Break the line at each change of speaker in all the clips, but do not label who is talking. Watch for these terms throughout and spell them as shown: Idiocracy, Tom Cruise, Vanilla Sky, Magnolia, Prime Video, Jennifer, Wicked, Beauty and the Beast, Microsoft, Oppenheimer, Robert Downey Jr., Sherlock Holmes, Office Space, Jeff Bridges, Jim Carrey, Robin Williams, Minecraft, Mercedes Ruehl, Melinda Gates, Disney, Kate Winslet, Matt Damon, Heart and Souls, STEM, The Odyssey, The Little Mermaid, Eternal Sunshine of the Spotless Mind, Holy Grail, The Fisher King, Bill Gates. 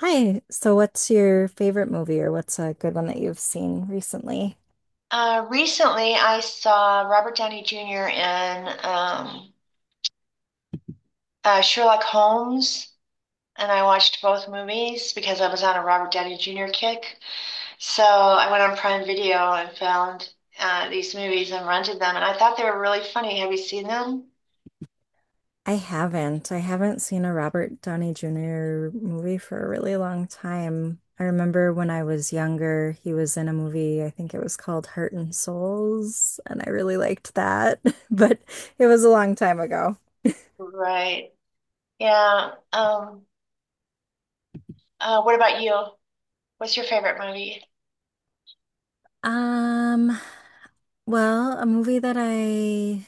Hi. So, what's your favorite movie or what's a good one that you've seen recently?
Recently, I saw Robert Downey Jr. in Sherlock Holmes, and I watched both movies because I was on a Robert Downey Jr. kick. So I went on Prime Video and found these movies and rented them, and I thought they were really funny. Have you seen them?
I haven't. I haven't seen a Robert Downey Jr. movie for a really long time. I remember when I was younger, he was in a movie, I think it was called Heart and Souls, and I really liked that, but it was a long time ago.
Right. Yeah. What about you? What's your favorite movie?
Um, well, a movie that I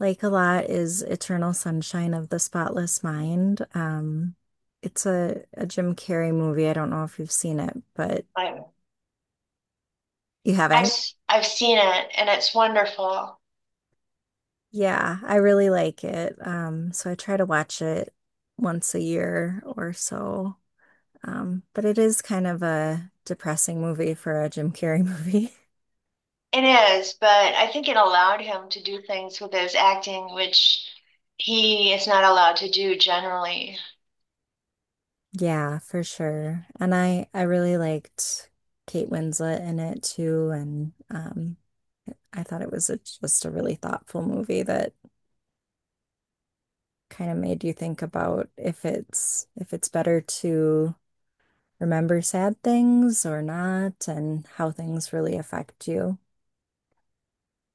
like a lot is Eternal Sunshine of the Spotless Mind. It's a Jim Carrey movie. I don't know if you've seen it, but
I,
you haven't?
I've seen it, and it's wonderful.
Yeah, I really like it. So I try to watch it once a year or so. But it is kind of a depressing movie for a Jim Carrey movie.
It is, but I think it allowed him to do things with his acting, which he is not allowed to do generally.
Yeah, for sure. And I really liked Kate Winslet in it too, and I thought it was just a really thoughtful movie that kind of made you think about if it's better to remember sad things or not and how things really affect you.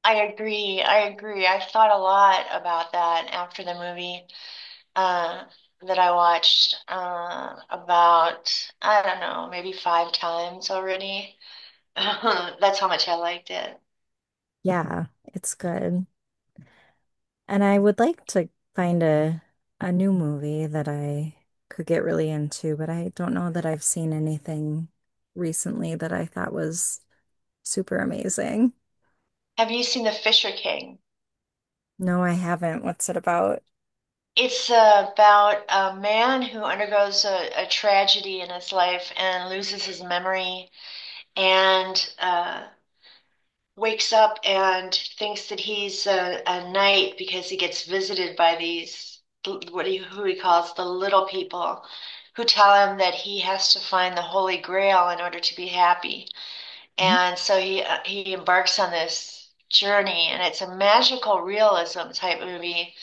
I agree. I agree. I thought a lot about that after the movie uh, that I watched about, I don't know, maybe five times already. That's how much I liked it.
Yeah, it's good. And I would like to find a new movie that I could get really into, but I don't know that I've seen anything recently that I thought was super amazing.
Have you seen The Fisher King?
No, I haven't. What's it about?
It's about a man who undergoes a tragedy in his life and loses his memory and wakes up and thinks that he's a knight because he gets visited by these what he who he calls the little people who tell him that he has to find the Holy Grail in order to be happy. And so he embarks on this journey, and it's a magical realism type movie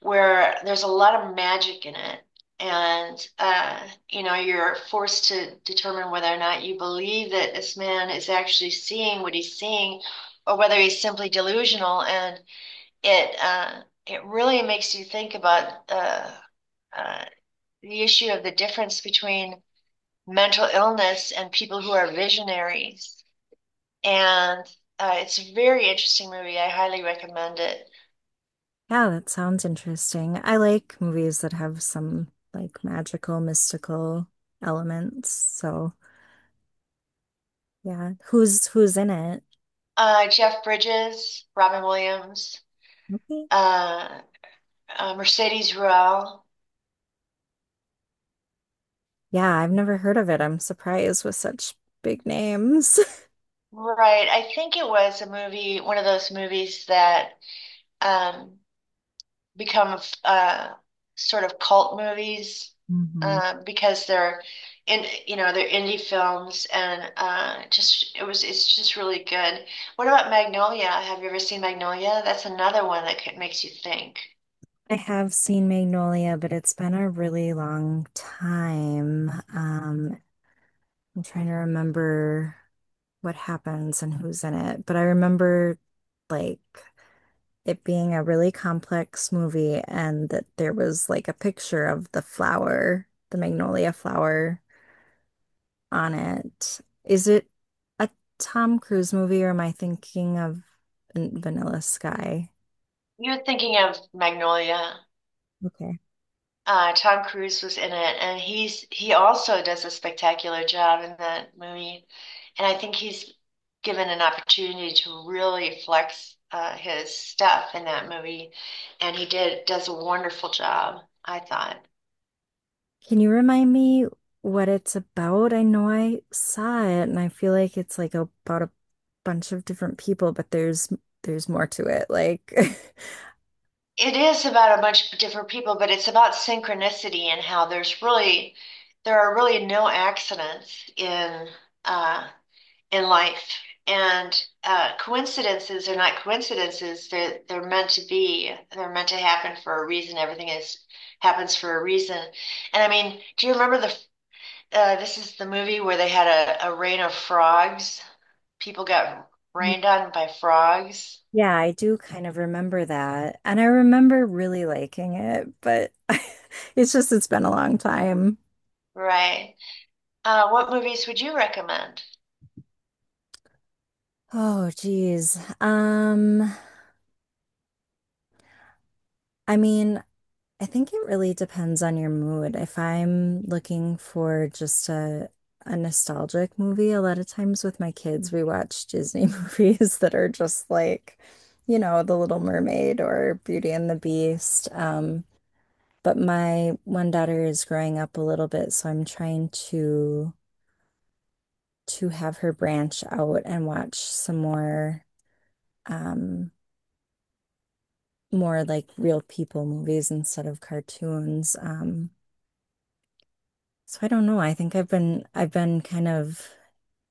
where there's a lot of magic in it. And You know, you're forced to determine whether or not you believe that this man is actually seeing what he's seeing, or whether he's simply delusional. And it uh, it really makes you think about uh, the issue of the difference between mental illness and people who are visionaries. And it's a very interesting movie. I highly recommend it.
Yeah, that sounds interesting. I like movies that have some like magical, mystical elements. So, yeah, who's in it?
Jeff Bridges, Robin Williams,
Okay.
uh, Mercedes Ruehl.
Yeah, I've never heard of it. I'm surprised with such big names.
Right. I think it was a movie, one of those movies that um, become sort of cult movies
hmm
because they're you know, they're indie films and just it was it's just really good. What about Magnolia? Have you ever seen Magnolia? That's another one that ca- makes you think.
I have seen Magnolia, but it's been a really long time. I'm trying to remember what happens and who's in it, but I remember like it being a really complex movie and that there was like a picture of the flower, the magnolia flower on it. Is it a Tom Cruise movie or am I thinking of Vanilla Sky?
You're thinking of Magnolia.
Okay.
Tom Cruise was in it, and he also does a spectacular job in that movie. And I think he's given an opportunity to really flex his stuff in that movie, and he did does a wonderful job, I thought.
Can you remind me what it's about? I know I saw it and I feel like it's like about a bunch of different people, but there's more to it. Like
It is about a bunch of different people, but it's about synchronicity and how there are really no accidents uh, in life. And coincidences are not coincidences. They're meant to be, they're meant to happen for a reason. Everything is happens for a reason. And I mean, do you remember this is the movie where they had a rain of frogs? People got rained on by frogs,
Yeah, I do kind of remember that. And I remember really liking it, but it's just, it's been a long time.
right? What movies would you recommend?
Oh, geez. I mean, I think it really depends on your mood. If I'm looking for just a nostalgic movie, a lot of times with my kids, we watch Disney movies that are just like, you know, The Little Mermaid or Beauty and the Beast. But my one daughter is growing up a little bit, so I'm trying to have her branch out and watch some more um more like real people movies instead of cartoons. So I don't know. I think I've been kind of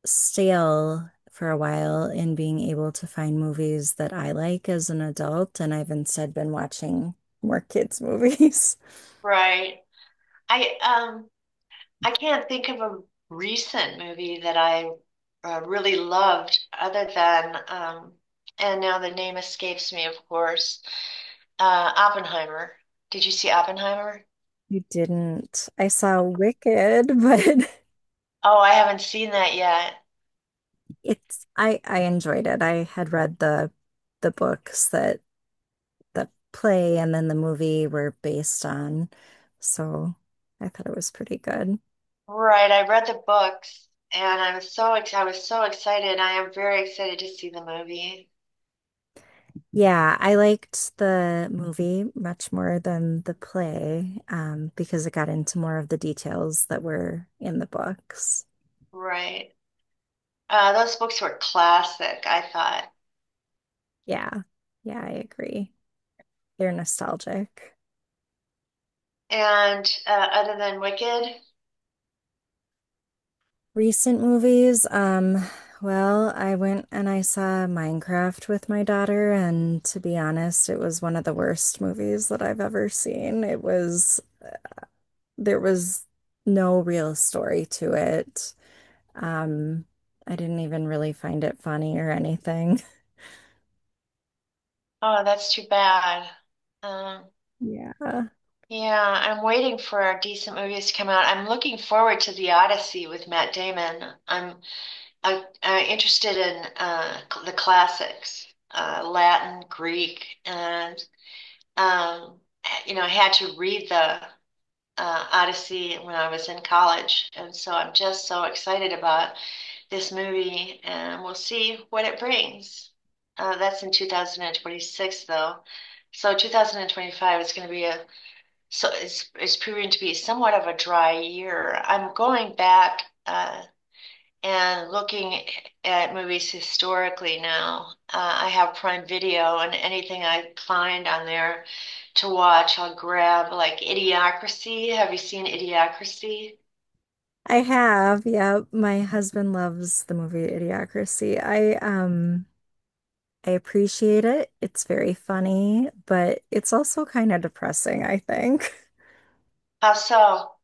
stale for a while in being able to find movies that I like as an adult, and I've instead been watching more kids' movies.
Right. I, um, I can't think of a recent movie that I really loved other than, and now the name escapes me, of course, Oppenheimer. Did you see Oppenheimer?
You didn't. I saw Wicked, but
Oh, I haven't seen that yet.
it's I enjoyed it. I had read the books that the play and then the movie were based on, so I thought it was pretty good.
Right, I read the books and I was so excited. I am very excited to see the movie.
Yeah, I liked the movie much more than the play, because it got into more of the details that were in the books.
Right. Those books were classic, I thought.
Yeah, yeah, I agree. They're nostalgic.
And other than Wicked,
Recent movies, well, I went and I saw Minecraft with my daughter, and to be honest, it was one of the worst movies that I've ever seen. It was, there was no real story to it. Um, I didn't even really find it funny or anything.
oh, that's too bad. Um,
Yeah.
Yeah, I'm waiting for decent movies to come out. I'm looking forward to The Odyssey with Matt Damon. I'm I'm interested in the classics, Latin, Greek, and um, you know, I had to read the Odyssey when I was in college, and so I'm just so excited about this movie, and we'll see what it brings. That's in 2026, though. So 2025 is going to be a so it's proving to be somewhat of a dry year. I'm going back and looking at movies historically now. I have Prime Video, and anything I find on there to watch, I'll grab. Like Idiocracy. Have you seen Idiocracy?
I have, yeah. My husband loves the movie Idiocracy. I appreciate it. It's very funny, but it's also kind of depressing, I think.
How so?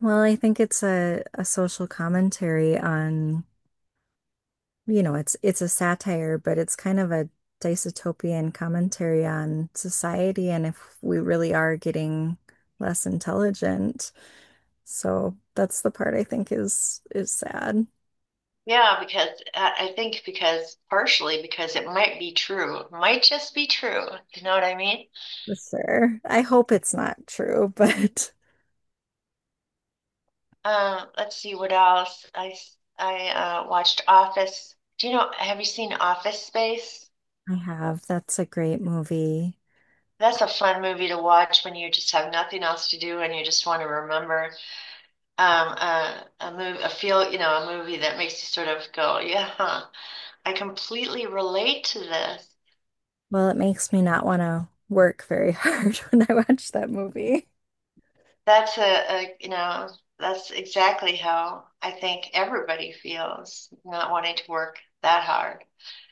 Well, I think it's a social commentary on, you know, it's a satire, but it's kind of a dystopian commentary on society and if we really are getting less intelligent. So that's the part I think is sad
Yeah, because I think because partially because it might be true. It might just be true. You know what I mean?
for sure. I hope it's not true, but
Let's see what else. I watched Office. Have you seen Office Space?
I have. That's a great movie.
That's a fun movie to watch when you just have nothing else to do and you just want to remember a movie, a feel, you know, a movie that makes you sort of go, yeah, huh, I completely relate to this.
Well, it makes me not want to work very hard when I watch that movie.
You know, that's exactly how I think everybody feels, not wanting to work that hard.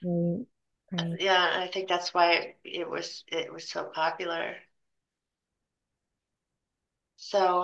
Right. Right.
Yeah, I think that's why it was so popular. So